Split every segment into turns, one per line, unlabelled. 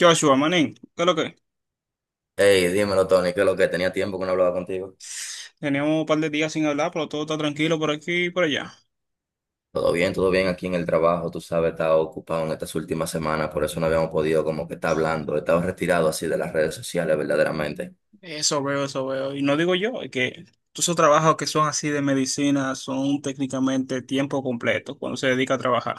Joshua, manín, ¿qué es lo que?
Hey, dímelo, Tony, que lo que tenía tiempo que no hablaba contigo.
Teníamos un par de días sin hablar, pero todo está tranquilo por aquí y por allá.
Todo bien aquí en el trabajo, tú sabes, estaba ocupado en estas últimas semanas, por eso no habíamos podido como que estar hablando, he estado retirado así de las redes sociales verdaderamente.
Eso veo, eso veo. Y no digo yo, es que todos esos trabajos que son así de medicina son técnicamente tiempo completo cuando se dedica a trabajar.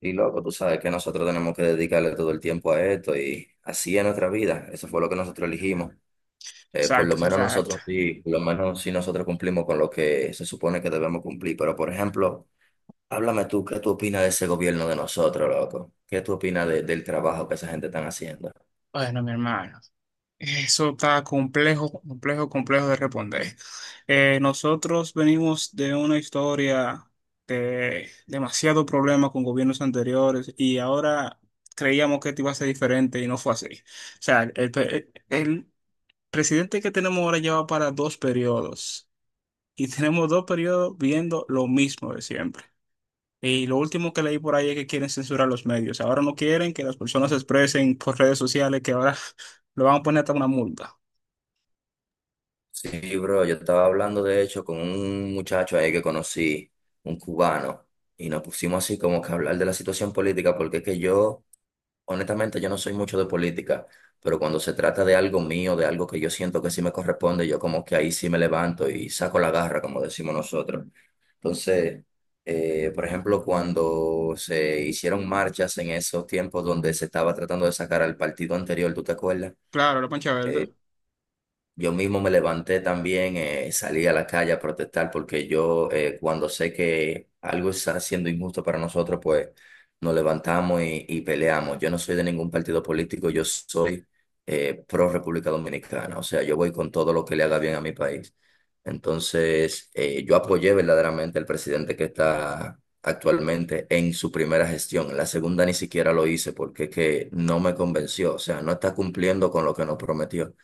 Y loco, tú sabes que nosotros tenemos que dedicarle todo el tiempo a esto y así es nuestra vida, eso fue lo que nosotros elegimos. Por lo
Exacto,
menos
exacto.
nosotros sí, por lo menos sí nosotros cumplimos con lo que se supone que debemos cumplir, pero por ejemplo, háblame tú, ¿qué tú opinas de ese gobierno de nosotros, loco? ¿Qué tú opinas del trabajo que esa gente está haciendo?
Bueno, mi hermano. Eso está complejo, complejo, complejo de responder. Nosotros venimos de una historia de demasiado problema con gobiernos anteriores y ahora creíamos que esto iba a ser diferente y no fue así. O sea, el, el presidente que tenemos ahora lleva para dos periodos y tenemos dos periodos viendo lo mismo de siempre. Y lo último que leí por ahí es que quieren censurar los medios. Ahora no quieren que las personas se expresen por redes sociales, que ahora lo van a poner hasta una multa.
Sí, bro, yo estaba hablando de hecho con un muchacho ahí que conocí, un cubano, y nos pusimos así como que a hablar de la situación política, porque es que yo, honestamente, yo no soy mucho de política, pero cuando se trata de algo mío, de algo que yo siento que sí me corresponde, yo como que ahí sí me levanto y saco la garra, como decimos nosotros. Entonces, por ejemplo, cuando se hicieron marchas en esos tiempos donde se estaba tratando de sacar al partido anterior, ¿tú te acuerdas?
Claro, la pancha verde.
Yo mismo me levanté también, salí a la calle a protestar porque yo cuando sé que algo está siendo injusto para nosotros, pues nos levantamos y peleamos. Yo no soy de ningún partido político, yo soy pro República Dominicana, o sea, yo voy con todo lo que le haga bien a mi país. Entonces, yo apoyé verdaderamente al presidente que está actualmente en su primera gestión. En la segunda ni siquiera lo hice porque es que no me convenció, o sea, no está cumpliendo con lo que nos prometió.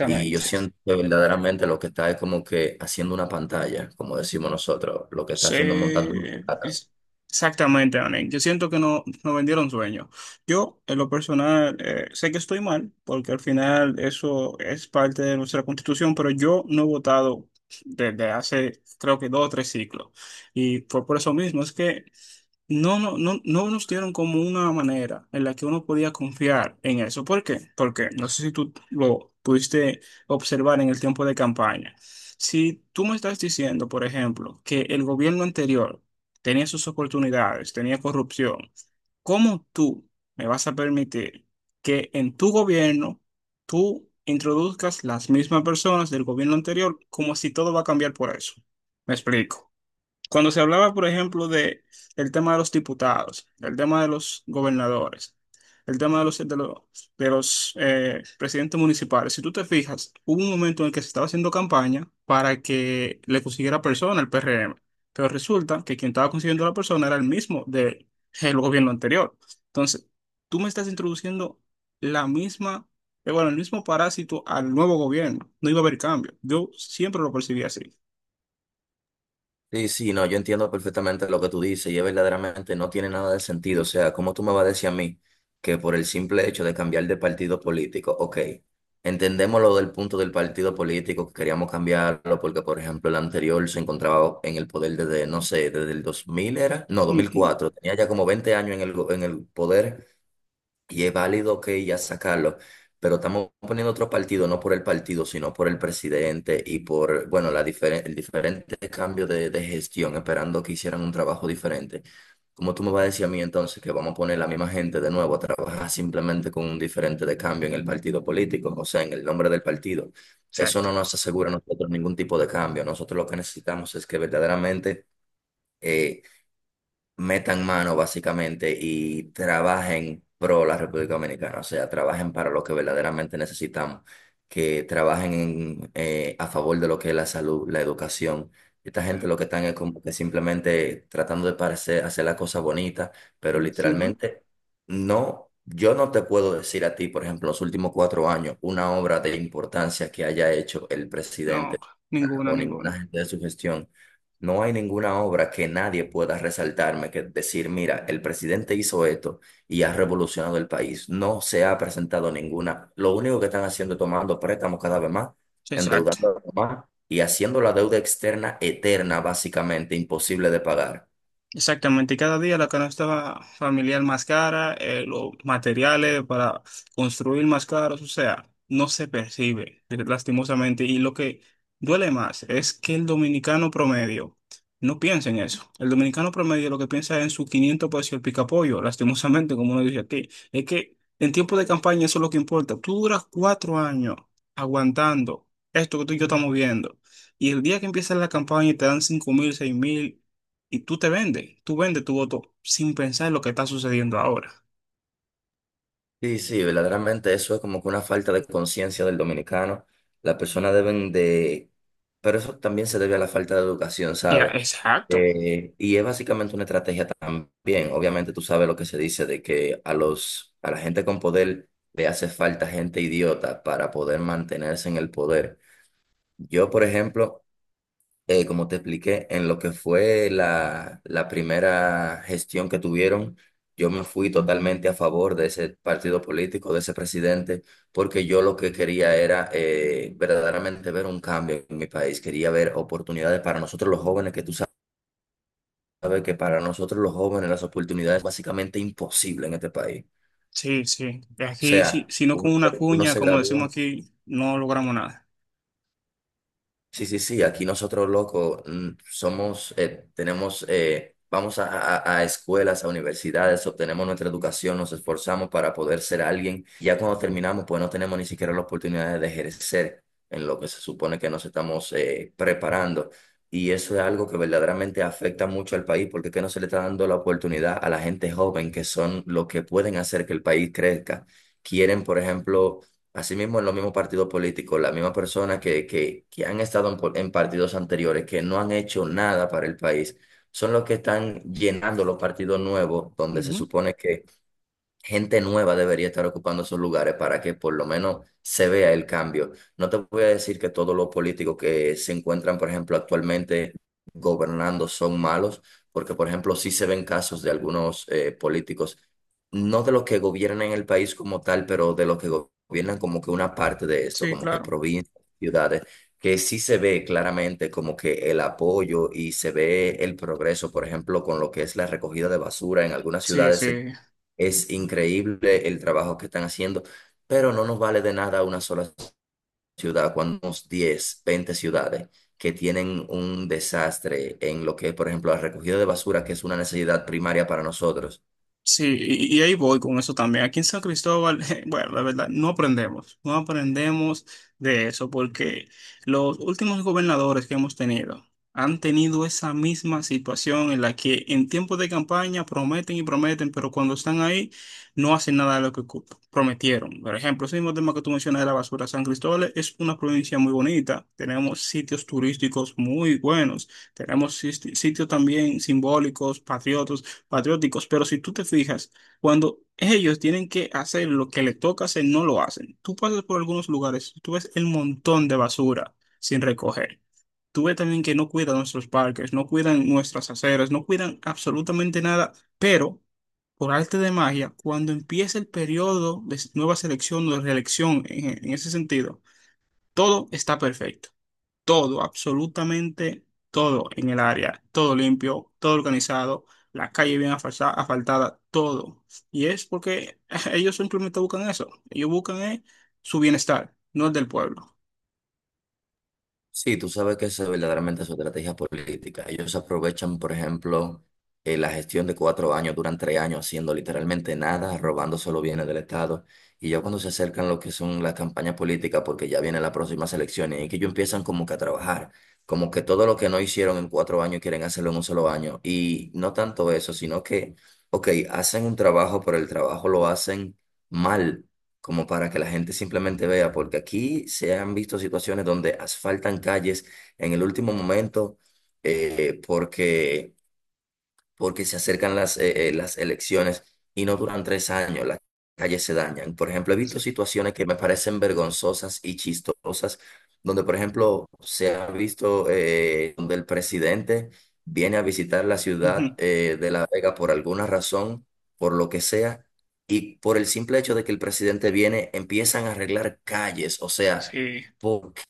Y yo siento que verdaderamente lo que está es como que haciendo una pantalla, como decimos nosotros, lo que está haciendo es
Sí,
montando un teatro.
es- exactamente, Anen. Yo siento que no, nos vendieron sueños. Yo, en lo personal, sé que estoy mal, porque al final eso es parte de nuestra constitución, pero yo no he votado desde hace, creo que dos o tres ciclos. Y fue por eso mismo, es que no nos dieron como una manera en la que uno podía confiar en eso. ¿Por qué? Porque no sé si tú lo pudiste observar en el tiempo de campaña. Si tú me estás diciendo, por ejemplo, que el gobierno anterior tenía sus oportunidades, tenía corrupción, ¿cómo tú me vas a permitir que en tu gobierno tú introduzcas las mismas personas del gobierno anterior como si todo va a cambiar por eso? Me explico. Cuando se hablaba, por ejemplo, de el tema de los diputados, el tema de los gobernadores, el tema de los presidentes municipales, si tú te fijas, hubo un momento en el que se estaba haciendo campaña para que le consiguiera persona al PRM, pero resulta que quien estaba consiguiendo la persona era el mismo del gobierno anterior. Entonces, tú me estás introduciendo la misma, bueno, el mismo parásito al nuevo gobierno. No iba a haber cambio. Yo siempre lo percibí así.
Sí, sí, no, yo entiendo perfectamente lo que tú dices y es verdaderamente no tiene nada de sentido. O sea, ¿cómo tú me vas a decir a mí que por el simple hecho de cambiar de partido político? Ok, entendemos lo del punto del partido político, que queríamos cambiarlo porque, por ejemplo, el anterior se encontraba en el poder desde, no sé, desde el 2000 era, no,
Mm, mm.
2004, tenía ya como 20 años en el poder. Y es válido que ya sacarlo, pero estamos poniendo otro partido, no por el partido, sino por el presidente y por, bueno, la diferen el diferente cambio de gestión, esperando que hicieran un trabajo diferente. ¿Cómo tú me vas a decir a mí entonces que vamos a poner la misma gente de nuevo a trabajar simplemente con un diferente de cambio en el partido político, o sea, en el nombre del partido? Eso no
Exacto.
nos asegura a nosotros ningún tipo de cambio. Nosotros lo que necesitamos es que verdaderamente eh, metan mano básicamente y trabajen pro la República Dominicana, o sea, trabajen para lo que verdaderamente necesitamos, que trabajen en, a favor de lo que es la salud, la educación. Esta gente lo que están es como que simplemente tratando de parecer, hacer la cosa bonita, pero
Ujú.
literalmente no, yo no te puedo decir a ti, por ejemplo, los últimos 4 años, una obra de importancia que haya hecho el presidente
No, ninguno,
o ninguna
ninguno.
gente de su gestión. No hay ninguna obra que nadie pueda resaltarme, que decir, mira, el presidente hizo esto y ha revolucionado el país. No se ha presentado ninguna. Lo único que están haciendo es tomando préstamos cada vez más,
Exacto.
endeudando más y haciendo la deuda externa eterna, básicamente imposible de pagar.
Exactamente, y cada día la canasta familiar más cara, los materiales para construir más caros, o sea, no se percibe, lastimosamente. Y lo que duele más es que el dominicano promedio no piensa en eso. El dominicano promedio lo que piensa es en su 500 pesos y el picapollo, lastimosamente, como uno dice aquí. Es que en tiempo de campaña eso es lo que importa. Tú duras cuatro años aguantando esto que tú y yo estamos viendo. Y el día que empieza la campaña y te dan 5 mil, y tú te vendes, tú vendes tu voto sin pensar en lo que está sucediendo ahora.
Sí, sí, verdaderamente eso es como que una falta de conciencia del dominicano. Las personas deben de. Pero eso también se debe a la falta de educación,
Ya,
¿sabes?
exacto.
Y es básicamente una estrategia también. Obviamente tú sabes lo que se dice de que a la gente con poder le hace falta gente idiota para poder mantenerse en el poder. Yo, por ejemplo como te expliqué, en lo que fue la primera gestión que tuvieron, yo me fui totalmente a favor de ese partido político, de ese presidente, porque yo lo que quería era verdaderamente ver un cambio en mi país, quería ver oportunidades para nosotros los jóvenes, que tú sabes que para nosotros los jóvenes las oportunidades básicamente imposibles en este país.
Sí, sí.
O
Aquí, sí,
sea,
si no
uno
con una
se, uno
cuña,
se
como decimos
gradúa.
aquí, no logramos nada.
Sí, sí, sí, aquí nosotros, loco, somos, tenemos, vamos a escuelas, a universidades, obtenemos nuestra educación, nos esforzamos para poder ser alguien. Ya cuando terminamos, pues no tenemos ni siquiera la oportunidad de ejercer en lo que se supone que nos estamos preparando. Y eso es algo que verdaderamente afecta mucho al país, porque es que no se le está dando la oportunidad a la gente joven, que son los que pueden hacer que el país crezca. Quieren, por ejemplo. Asimismo, en los mismos partidos políticos, las mismas personas que han estado en partidos anteriores, que no han hecho nada para el país, son los que están llenando los partidos nuevos, donde se
Ujú.
supone que gente nueva debería estar ocupando esos lugares para que por lo menos se vea el cambio. No te voy a decir que todos los políticos que se encuentran, por ejemplo, actualmente gobernando son malos, porque, por ejemplo, sí se ven casos de algunos políticos, no de los que gobiernan el país como tal, pero de los que gobiernan como que una parte de esto,
Sí,
como que
claro.
provincias, ciudades. Que sí se ve claramente como que el apoyo y se ve el progreso, por ejemplo, con lo que es la recogida de basura en algunas
Sí, sí.
ciudades es increíble el trabajo que están haciendo, pero no nos vale de nada una sola ciudad cuando tenemos 10, 20 ciudades que tienen un desastre en lo que, por ejemplo, la recogida de basura, que es una necesidad primaria para nosotros.
Sí, y ahí voy con eso también. Aquí en San Cristóbal, bueno, la verdad, no aprendemos, no aprendemos de eso, porque los últimos gobernadores que hemos tenido han tenido esa misma situación en la que en tiempos de campaña prometen y prometen, pero cuando están ahí no hacen nada de lo que prometieron. Por ejemplo, ese mismo tema que tú mencionas de la basura, San Cristóbal es una provincia muy bonita, tenemos sitios turísticos muy buenos, tenemos sitios también simbólicos, patriotas patrióticos, pero si tú te fijas, cuando ellos tienen que hacer lo que les toca hacer, no lo hacen. Tú pasas por algunos lugares, tú ves el montón de basura sin recoger. Tú ves también que no cuidan nuestros parques, no cuidan nuestras aceras, no cuidan absolutamente nada, pero por arte de magia, cuando empieza el periodo de nueva selección o de reelección en ese sentido, todo está perfecto, todo, absolutamente todo en el área, todo limpio, todo organizado, la calle bien asfaltada, todo. Y es porque ellos simplemente buscan eso, ellos buscan su bienestar, no el del pueblo.
Sí, tú sabes que esa es verdaderamente su estrategia política. Ellos aprovechan, por ejemplo, la gestión de 4 años, duran 3 años haciendo literalmente nada, robándose los bienes del Estado. Y ya cuando se acercan lo que son las campañas políticas, porque ya vienen las próximas elecciones, y que ellos empiezan como que a trabajar, como que todo lo que no hicieron en 4 años quieren hacerlo en un solo año. Y no tanto eso, sino que, ok, hacen un trabajo, pero el trabajo lo hacen mal como para que la gente simplemente vea, porque aquí se han visto situaciones donde asfaltan calles en el último momento eh, porque porque se acercan las elecciones y no duran 3 años, las calles se dañan. Por ejemplo, he visto
Sí.
situaciones que me parecen vergonzosas y chistosas, donde, por ejemplo, se ha visto donde el presidente viene a visitar la ciudad
Ujú.
de La Vega por alguna razón, por lo que sea. Y por el simple hecho de que el presidente viene, empiezan a arreglar calles. O sea,
Sí,
¿por qué?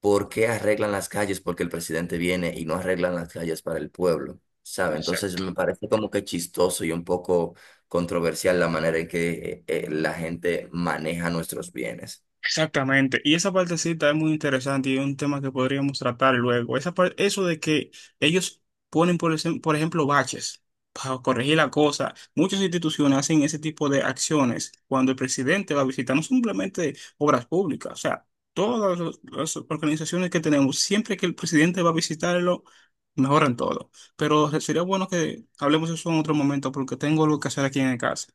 ¿Por qué arreglan las calles? Porque el presidente viene y no arreglan las calles para el pueblo, ¿sabe? Entonces
exacto.
me parece como que chistoso y un poco controversial la manera en que la gente maneja nuestros bienes.
Exactamente, y esa partecita es muy interesante y es un tema que podríamos tratar luego. Esa eso de que ellos ponen, por ejemplo, baches para corregir la cosa. Muchas instituciones hacen ese tipo de acciones cuando el presidente va a visitar, no simplemente obras públicas, o sea, todas las organizaciones que tenemos, siempre que el presidente va a visitarlo, mejoran todo. Pero sería bueno que hablemos eso en otro momento porque tengo algo que hacer aquí en casa.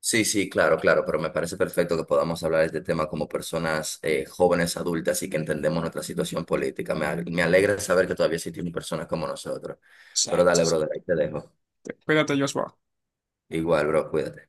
Sí, sí, claro, claro, pero me parece perfecto que podamos hablar de este tema como personas jóvenes, adultas y que entendemos nuestra situación política. Me alegra saber que todavía existen personas como nosotros. Pero
Exacto.
dale, brother, ahí te dejo.
Cuídate, Joshua.
Igual, bro, cuídate.